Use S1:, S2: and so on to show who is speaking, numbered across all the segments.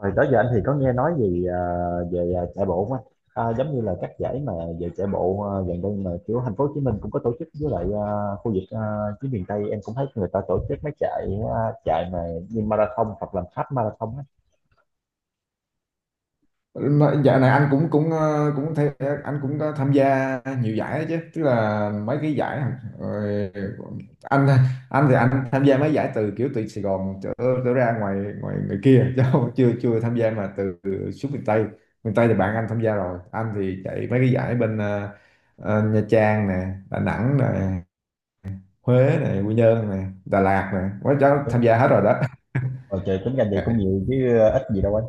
S1: Rồi đó giờ anh thì có nghe nói gì về chạy bộ không anh? À, giống như là các giải mà về chạy bộ gần đây mà kiểu thành phố Hồ Chí Minh cũng có tổ chức với lại khu vực phía miền Tây em cũng thấy người ta tổ chức mấy chạy à, chạy mà như marathon hoặc là half marathon á.
S2: Mà dạo này anh cũng cũng ờ, cũng thấy anh cũng có tham gia nhiều giải đó chứ, tức là mấy cái giải rồi. Anh anh thì anh tham gia mấy giải từ kiểu từ Sài Gòn trở ra ngoài ngoài ngoài kia chứ không, chưa chưa tham gia mà từ xuống miền Tây. Miền Tây thì bạn anh tham gia rồi, anh thì chạy mấy cái giải bên Nha Trang nè, Đà Nẵng nè, Huế nè, Quy Nhơn nè, Đà Lạt nè, quá cháu tham gia hết rồi đó.
S1: Rồi trời, tính ra vậy cũng nhiều chứ ít gì đâu anh.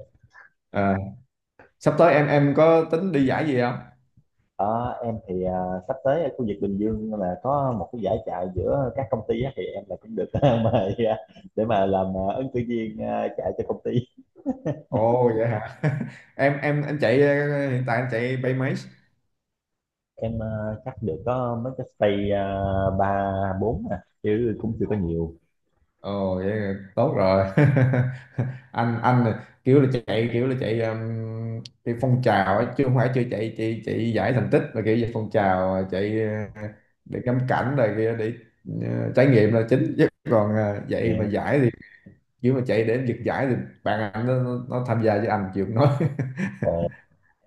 S2: Ờ, sắp tới em có tính đi giải gì không?
S1: Ờ, em thì sắp tới ở khu vực Bình Dương là có một cái giải chạy giữa các công ty á, thì em là cũng được mời để mà làm ứng cử viên chạy cho công ty.
S2: Ồ vậy hả? Em, anh chạy hiện tại anh chạy bay mấy?
S1: Em chắc được có mấy cái stay ba bốn à, chứ cũng chưa có nhiều.
S2: Ồ vậy là tốt rồi. Anh là kiểu là chạy, kiểu là chạy chạy phong trào ấy, chứ không phải chưa chạy chạy chạy giải thành tích, mà kiểu về phong trào, chạy ờ, để ngắm cảnh rồi kia, để trải nghiệm là chính. Chứ còn
S1: Dạ.
S2: chạy mà giải thì, kiểu mà chạy để giật giải thì bạn anh nó tham gia, với anh chịu không nói.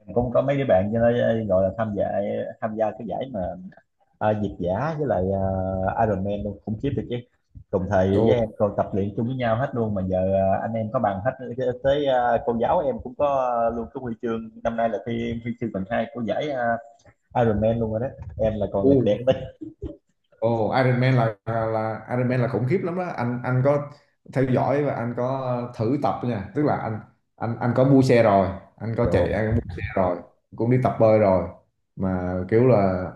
S1: Em cũng có mấy đứa bạn cho nó gọi là tham gia, tham gia cái giải mà việt giả với lại Ironman luôn, khủng khiếp được chứ, cùng thời với em còn tập luyện chung với nhau hết luôn mà giờ anh em có bằng hết. Tới cô giáo em cũng có luôn cái huy chương, năm nay là thi huy chương bằng hai của giải Ironman luôn rồi đó, em là còn
S2: Đồ.
S1: lệch đèn đấy.
S2: Ồ, Iron Man là, Iron Man là khủng khiếp lắm đó. Anh có theo dõi và anh có thử tập nha. Tức là anh có mua xe rồi, anh có chạy,
S1: rồi
S2: anh có mua xe rồi, cũng đi tập bơi rồi. Mà kiểu là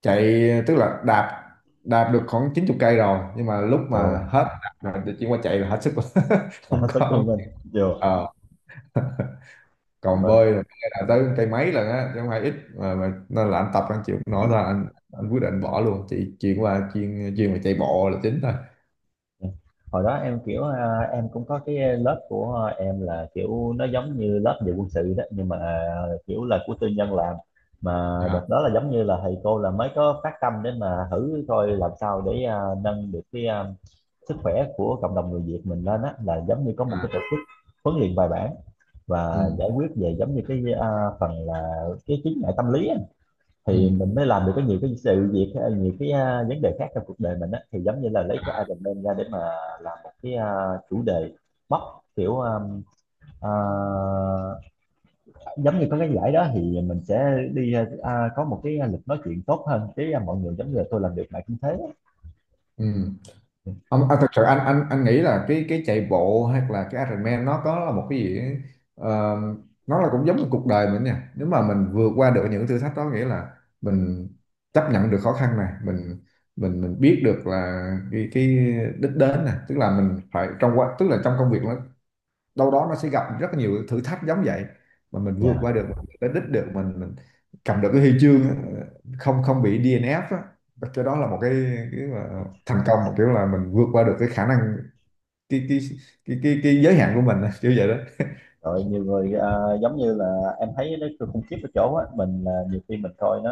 S2: chạy, tức là đạp đạp được khoảng 90 cây rồi, nhưng mà lúc mà
S1: rồi
S2: hết đạp rồi thì chuyển qua chạy là hết sức rồi.
S1: là
S2: Không
S1: hết sức
S2: có.
S1: luôn anh rồi.
S2: Ờ, còn bơi là tới cây mấy lần á, chứ không phải ít. Mà nên là anh tập anh chịu không nổi, là anh quyết định bỏ luôn, chỉ chuyển qua chuyên chuyên về chạy bộ là chính thôi.
S1: Ừ. Hồi đó em kiểu em cũng có cái lớp của em là kiểu nó giống như lớp về quân sự đó, nhưng mà kiểu là của tư nhân làm, mà
S2: À,
S1: đợt đó là giống như là thầy cô là mới có phát tâm để mà thử coi làm sao để nâng được cái sức khỏe của cộng đồng người Việt mình lên á, là giống như có một
S2: à,
S1: cái tổ chức huấn luyện bài bản và
S2: ừ,
S1: giải quyết về giống như cái phần là cái chứng ngại tâm lý á,
S2: ừ,
S1: thì mình mới làm được có nhiều cái sự việc hay, nhiều cái vấn đề khác trong cuộc đời mình á, thì giống như là lấy cái Iron Man ra để mà làm một cái chủ đề, mốc, kiểu à, giống như có cái giải đó thì mình sẽ đi có một cái lịch nói chuyện tốt hơn với mọi người giống như là tôi làm được lại cũng thế á.
S2: ừ. Ông, à, thật sự anh nghĩ là cái chạy bộ hay là cái Ironman, nó có là một cái gì ấy, ờ, nó là cũng giống như cuộc đời mình nha. Nếu mà mình vượt qua được những thử thách đó nghĩa là mình chấp nhận được khó khăn này, mình mình biết được là cái đích đến này, tức là mình phải trong quá, tức là trong công việc đâu đó, nó sẽ gặp rất là nhiều thử thách giống vậy. Mà mình vượt
S1: Dạ.
S2: qua được, mình tới đích được, mình cầm được cái huy chương á, không không bị DNF á, cái đó là cái mà thành công. Một kiểu là mình vượt qua được cái khả năng, cái cái cái giới hạn của mình á, kiểu vậy đó.
S1: Rồi nhiều người giống như là em thấy nó khủng khiếp ở chỗ á, mình là nhiều khi mình coi nó,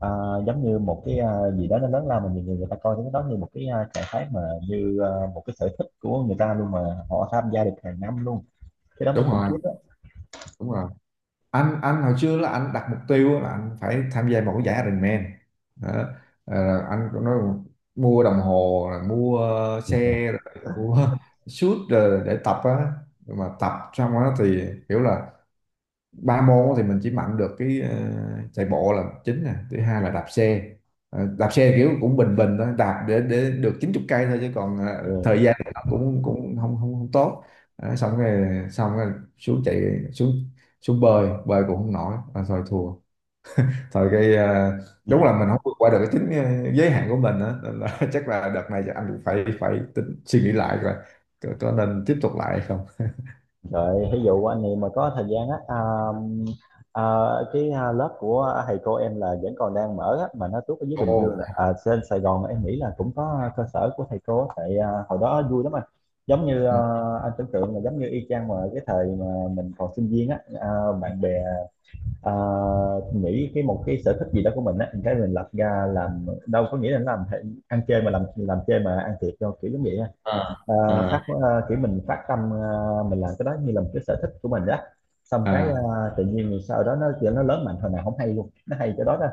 S1: À, giống như một cái gì đó nó lớn lao, mà nhiều người, người ta coi cái đó như một cái trạng thái mà như một cái sở thích của người ta luôn, mà họ tham gia được hàng năm luôn, cái đó mới
S2: Đúng
S1: khủng
S2: rồi,
S1: khiếp đó.
S2: đúng rồi, anh hồi xưa là anh đặt mục tiêu là anh phải tham gia một cái giải Ironman đó. Ờ, anh có nói mua đồng hồ rồi mua
S1: Yeah.
S2: xe rồi mua suit rồi để tập á. Nhưng mà tập xong đó thì kiểu là ba môn thì mình chỉ mạnh được cái chạy bộ là chính nè, thứ hai là đạp xe. Ờ, đạp xe kiểu cũng bình bình thôi, đạp để được chín chục cây thôi, chứ còn
S1: Rồi
S2: thời gian thì nó cũng cũng không không không tốt. Ờ, xong rồi xuống chạy, xuống xuống bơi, bơi cũng không nổi. À, thôi thua thôi cái đúng là mình không vượt qua được cái chính giới hạn của mình á. Nên là chắc là đợt này chắc anh cũng phải phải tính suy nghĩ lại rồi, có nên tiếp tục lại hay không.
S1: ví dụ anh em mà có thời gian á à, cái lớp của thầy cô em là vẫn còn đang mở á, mà nó tuốt ở dưới Bình
S2: Ồ.
S1: Dương là trên Sài Gòn em nghĩ là cũng có cơ sở của thầy cô á, tại hồi đó vui lắm anh, giống như
S2: Ừ.
S1: anh tưởng tượng là giống như y chang mà cái thời mà mình còn sinh viên á bạn bè. À, nghĩ cái một cái sở thích gì đó của mình á, cái mình lập ra làm đâu có nghĩa là làm ăn chơi mà làm chơi mà ăn thiệt đâu, kiểu giống vậy á.
S2: à,
S1: à,
S2: à.
S1: Kiểu mình phát tâm mình làm cái đó như là một cái sở thích của mình đó, xong cái
S2: À
S1: tự nhiên rồi sau đó nó lớn mạnh hồi nào không hay luôn, nó hay cái đó đó.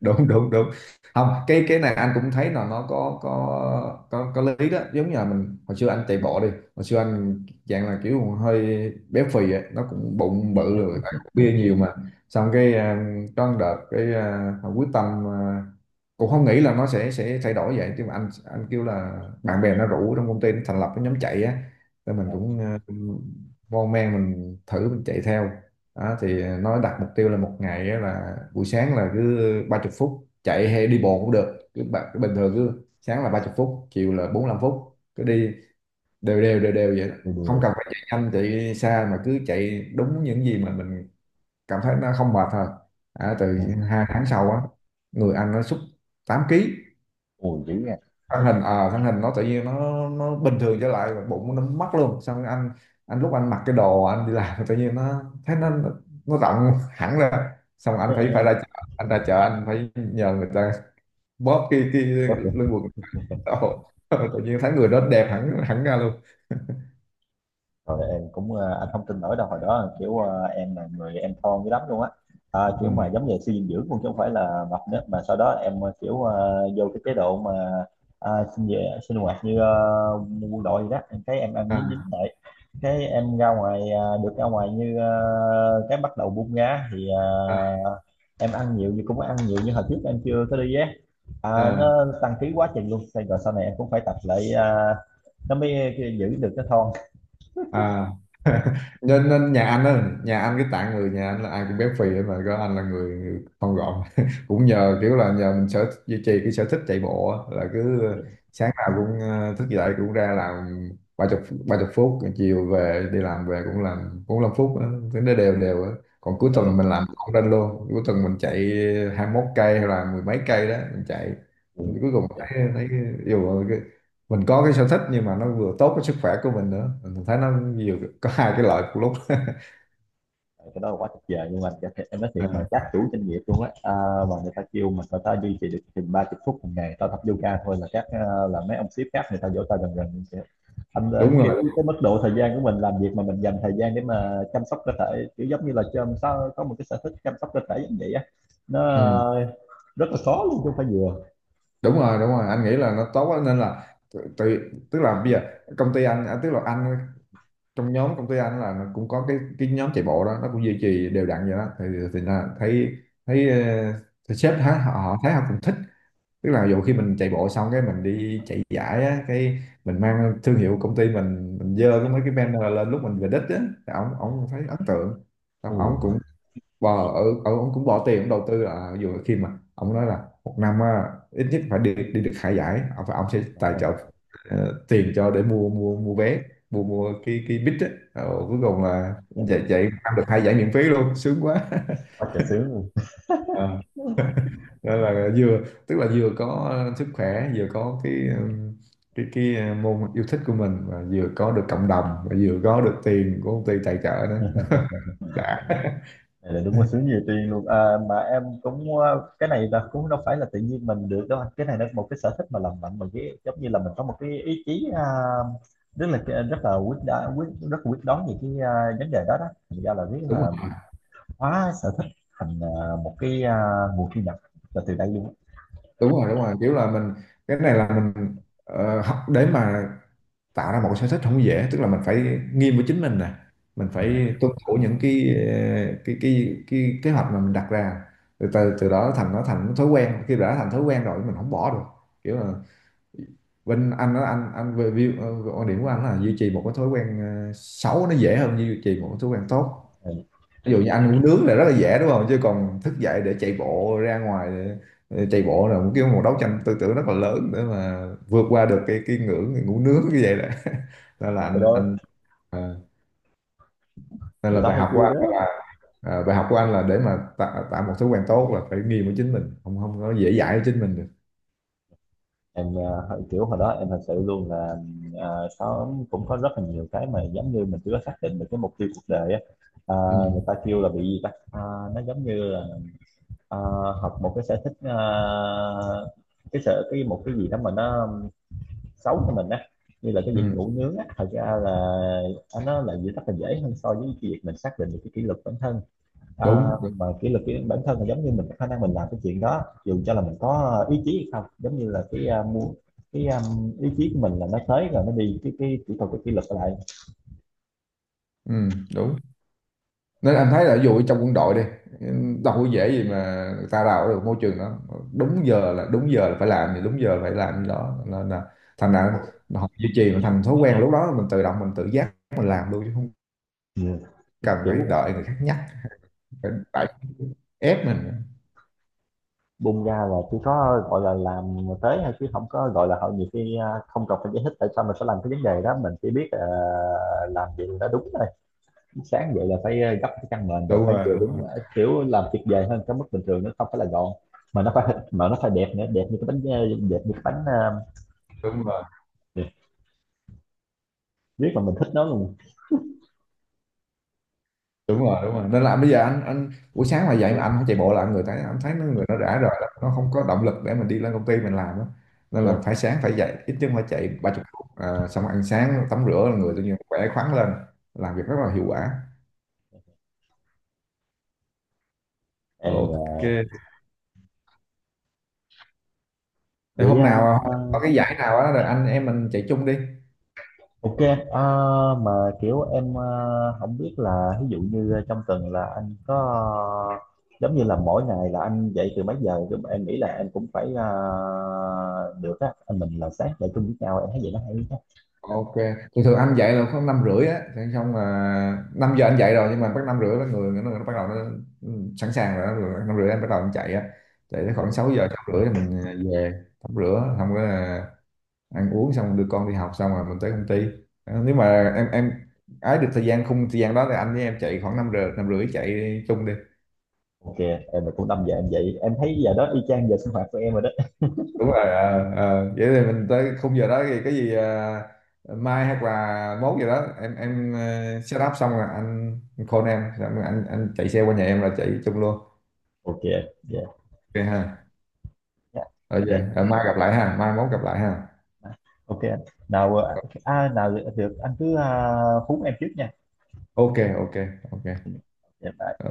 S2: đúng, đúng, đúng. Không cái này anh cũng thấy là nó có có lý đó, giống như là mình hồi xưa anh chạy bộ đi, hồi xưa anh dạng là kiểu hơi béo phì ấy. Nó cũng bụng bự
S1: Yeah.
S2: rồi tại cũng bia nhiều mà. Xong cái à, có một đợt cái à, quyết tâm à, cũng không nghĩ là nó sẽ thay đổi vậy. Nhưng mà anh kêu là bạn bè nó rủ, trong công ty nó thành lập cái nhóm chạy á, nên mình cũng à, mon men mình thử mình chạy theo đó. Thì nó đặt mục tiêu là một ngày á là buổi sáng là cứ 30 phút chạy hay đi bộ cũng được, cứ bạn cứ bình thường, cứ sáng là 30 phút, chiều là 45 phút, cứ đi đều đều vậy đó.
S1: Đùa,
S2: Không
S1: đùa.
S2: cần phải chạy nhanh chạy xa, mà cứ chạy đúng những gì mà mình cảm thấy nó không mệt thôi. À, từ hai tháng sau á, người anh nó sút 8 ký.
S1: Ồ, dữ nha.
S2: Thân hình nó tự nhiên nó bình thường trở lại, bụng nó mất luôn. Xong rồi anh lúc anh mặc cái đồ anh đi làm tự nhiên nó thấy nó rộng hẳn ra. Xong anh phải phải ra chợ, anh ra chợ anh phải nhờ người ta bóp cái
S1: Có.
S2: lưng quần đồ, tự nhiên thấy người đó đẹp hẳn hẳn ra luôn.
S1: Rồi em cũng anh không tin nổi đâu, hồi đó kiểu em là người em thon dữ lắm luôn á
S2: Ừ.
S1: kiểu mà giống như suy dinh dưỡng cũng, chứ không phải là mập nữa. Mà sau đó em kiểu vô cái chế độ mà sinh về sinh hoạt như quân đội gì đó, em thấy em ăn nhín nhín
S2: à,
S1: lại, cái em ra ngoài được ra ngoài như cái bắt đầu bung ra thì
S2: à,
S1: em ăn nhiều, nhưng cũng ăn nhiều như hồi trước em chưa có đi á à,
S2: à.
S1: nó tăng ký quá trình luôn. Xong rồi sau này em cũng phải tập lại nó mới giữ được cái thon
S2: À Nên nhà anh á, nhà anh cái tạng người nhà anh là ai cũng béo phì hết, mà có anh là người thon gọn, cũng nhờ kiểu là nhờ mình sở duy trì cái sở thích chạy bộ á, là cứ sáng nào cũng thức dậy cũng ra làm ba chục ba chục phút, chiều về đi làm về cũng làm phút á, cứ nó đều đều á. Còn cuối
S1: rồi.
S2: tuần mình Ừ. làm không lên luôn, cuối tuần mình chạy hai mốt cây hay là mười mấy cây đó mình chạy.
S1: Ừ,
S2: mình cuối cùng
S1: trời,
S2: thấy thấy yêu. Mình có cái sở thích nhưng mà nó vừa tốt cái sức khỏe của mình nữa, mình thấy nó nhiều, có hai cái lợi cùng lúc.
S1: cái đó là quá tuyệt vời luôn anh. Dạ, thiệt, em nói thiệt
S2: Ừ,
S1: mà các chủ doanh nghiệp luôn á mà người ta kêu mình, người ta duy trì được chừng 30 phút một ngày tao tập yoga thôi, là các là mấy ông sếp khác người ta vỗ tay rần rần. Kìa. Anh
S2: đúng
S1: kiểu
S2: rồi,
S1: cái mức độ thời gian của mình làm việc mà mình dành thời gian để mà chăm sóc cơ thể, kiểu giống như là chăm sao có một cái sở thích chăm sóc cơ thể giống vậy á, nó
S2: ừ,
S1: à, rất là khó luôn, chứ không phải vừa.
S2: đúng rồi, đúng rồi, anh nghĩ là nó tốt quá. Nên là tự, tự- tức là bây giờ công ty anh à, tức là anh trong nhóm công ty anh là nó cũng có cái nhóm chạy bộ đó, nó cũng duy trì đều đặn vậy đó. Thì là thấy thấy, ờ, thì sếp thấy, họ họ thấy họ cũng thích. Tức là dù khi mình chạy bộ xong, cái mình đi chạy giải á, cái mình mang thương hiệu công ty mình dơ cái mấy cái banner lên lúc mình về đích á, thì ổng ổng thấy ấn tượng.
S1: Ừ,
S2: Xong bò ở ổng cũng bỏ tiền ổng đầu tư, là dù khi mà ổng nói là một năm á, ít nhất phải đi đi được hai giải, ổng sẽ tài trợ tiền cho để mua mua mua vé, mua mua cái bít á. Ờ, cuối cùng là chạy chạy ăn được hai giải miễn phí luôn, sướng quá.
S1: quá trời sướng luôn.
S2: Đó là vừa, tức là vừa có sức khỏe, vừa có cái môn yêu thích của mình, và vừa có được cộng đồng, và vừa có được tiền của công ty tài trợ nữa. Đã.
S1: Này là đúng là sướng nhiều tiền luôn mà em cũng cái này là cũng đâu phải là tự nhiên mình được đâu anh. Cái này là một cái sở thích mà làm mạnh mình, cái giống như là mình có một cái ý chí rất là rất là quyết, rất là quyết đoán về cái vấn đề đó đó, thành ra là biết
S2: Đúng
S1: là
S2: rồi,
S1: hóa sở thích thành một cái nguồn thu nhập là từ đây luôn.
S2: đúng rồi, kiểu là mình, cái này là mình học để mà tạo ra một cái sở thích không dễ. Tức là mình phải nghiêm với chính mình nè, mình phải tuân thủ những cái cái kế hoạch mà mình đặt ra. Từ từ từ đó thành, nó thành thói quen, khi đã thành thói quen rồi mình không bỏ được. Kiểu là bên anh á, anh về view quan điểm của anh là duy trì một cái thói quen xấu nó dễ hơn duy trì một cái thói quen tốt.
S1: Ừ.
S2: Ví dụ như anh uống nướng là rất là dễ, đúng không? Chứ còn thức dậy để chạy bộ ra ngoài để chạy bộ là một cái, một đấu tranh tư tưởng rất là lớn để mà vượt qua được cái ngưỡng ngủ nướng như vậy đó. Nên là
S1: Cái đó
S2: ờ, nên
S1: người
S2: là
S1: ta
S2: bài
S1: hay
S2: học của
S1: kêu
S2: anh
S1: đó.
S2: là bài học của anh là để mà tạo một thói quen tốt là phải nghiêm với chính mình, không không có dễ dãi với chính mình được.
S1: Em kiểu hồi đó em thật sự luôn là có, cũng có rất là nhiều cái mà giống như mình chưa có xác định được cái mục tiêu cuộc đời á. Ờ,
S2: Ừ,
S1: người ta kêu là bị gì ta. Ờ, nó giống như là ờ, học một cái sở thích cái sở, cái một cái gì đó mà nó xấu cho mình á, như là cái việc
S2: ừ,
S1: ngủ nướng á, thật ra là nó là gì rất là dễ hơn so với cái việc mình xác định được cái kỷ luật bản thân. À,
S2: đúng, đúng.
S1: mà kỷ luật cái bản thân là giống như mình có khả năng mình làm cái chuyện đó dù cho là mình có ý chí hay không, giống như là cái muốn, cái ý chí của mình là nó tới rồi nó đi, cái kỹ thuật, cái kỷ luật lại.
S2: Ừ, đúng. Nên anh thấy là ví dụ trong quân đội đi, đâu có dễ gì mà người ta đào được môi trường đó. Đúng giờ là đúng giờ, là phải làm thì đúng giờ phải làm gì đó. Nên là thành ra họ duy trì nó thành thói quen, lúc đó mình tự động mình tự giác mình làm luôn chứ không
S1: Ừ.
S2: cần phải
S1: Kiểu
S2: đợi người khác nhắc, phải phải ép mình.
S1: bung ra là chỉ có gọi là làm tới hay, chứ không có gọi là họ nhiều khi không cần phải giải thích tại sao mình phải làm cái vấn đề đó, mình chỉ biết làm gì là đúng thôi. Sáng dậy là phải gấp cái chăn mền rồi
S2: đúng
S1: phải
S2: rồi
S1: vừa
S2: đúng rồi
S1: đúng kiểu làm tuyệt vời hơn cái mức bình thường, nó không phải là gọn mà nó phải, mà nó phải đẹp nữa, đẹp như cái bánh đẹp như cái bánh.
S2: đúng rồi
S1: Yeah, biết là mình thích nó luôn.
S2: Đúng rồi, nên là bây giờ anh buổi sáng mà dậy mà anh không chạy bộ là anh người thấy, anh thấy nó người nó rã rời lắm, nó không có động lực để mình đi lên công ty mình làm á. Nên là
S1: Yeah.
S2: phải sáng phải dậy ít nhất phải chạy ba chục phút, à, xong ăn sáng tắm rửa là người tự nhiên khỏe khoắn lên, làm việc rất là hiệu quả.
S1: Em là-
S2: Ok. Thì
S1: vậy
S2: hôm nào hôm nào có cái giải nào á rồi anh em mình chạy chung đi.
S1: ok. ờ, mà kiểu em không biết là ví dụ như trong tuần là anh có ờ, giống như là mỗi ngày là anh dậy từ mấy giờ? Giống- em nghĩ là em cũng phải được á anh, mình là sáng dậy chung với nhau em thấy vậy nó hay á.
S2: Ok, thường thường anh dậy là khoảng năm rưỡi á, thế xong là 5 giờ anh dậy rồi, nhưng mà bắt năm rưỡi là người nó bắt đầu nó ừ, sẵn sàng rồi, đó. Rồi năm rưỡi anh bắt đầu anh chạy á, chạy tới khoảng 6 giờ 6 rưỡi thì mình à, về tắm rửa, xong cái là ăn uống xong đưa con đi học xong rồi mình tới công ty. Ờ, nếu mà em ái được thời gian khung thời gian đó thì anh với em chạy khoảng năm giờ năm rưỡi, chạy chung đi.
S1: Ok. Em là cũng 5 giờ em dậy, em thấy giờ đó y chang giờ sinh hoạt của em rồi đó.
S2: Đúng rồi, ờ, ờ. Vậy thì mình tới khung giờ đó thì cái gì à, mai hoặc là mốt giờ đó em ờ, set up xong rồi anh, call em xong rồi anh chạy xe qua nhà em là chạy chung luôn.
S1: Ok. Yeah,
S2: Ok ha.
S1: yeah.
S2: Rồi
S1: Ok.
S2: về. Ờ, mai gặp lại ha, mai mốt gặp lại ha.
S1: Ok anh. Nào nào được được, anh cứ hú em trước nha.
S2: Ok, ok, ok.
S1: Dạ, bye.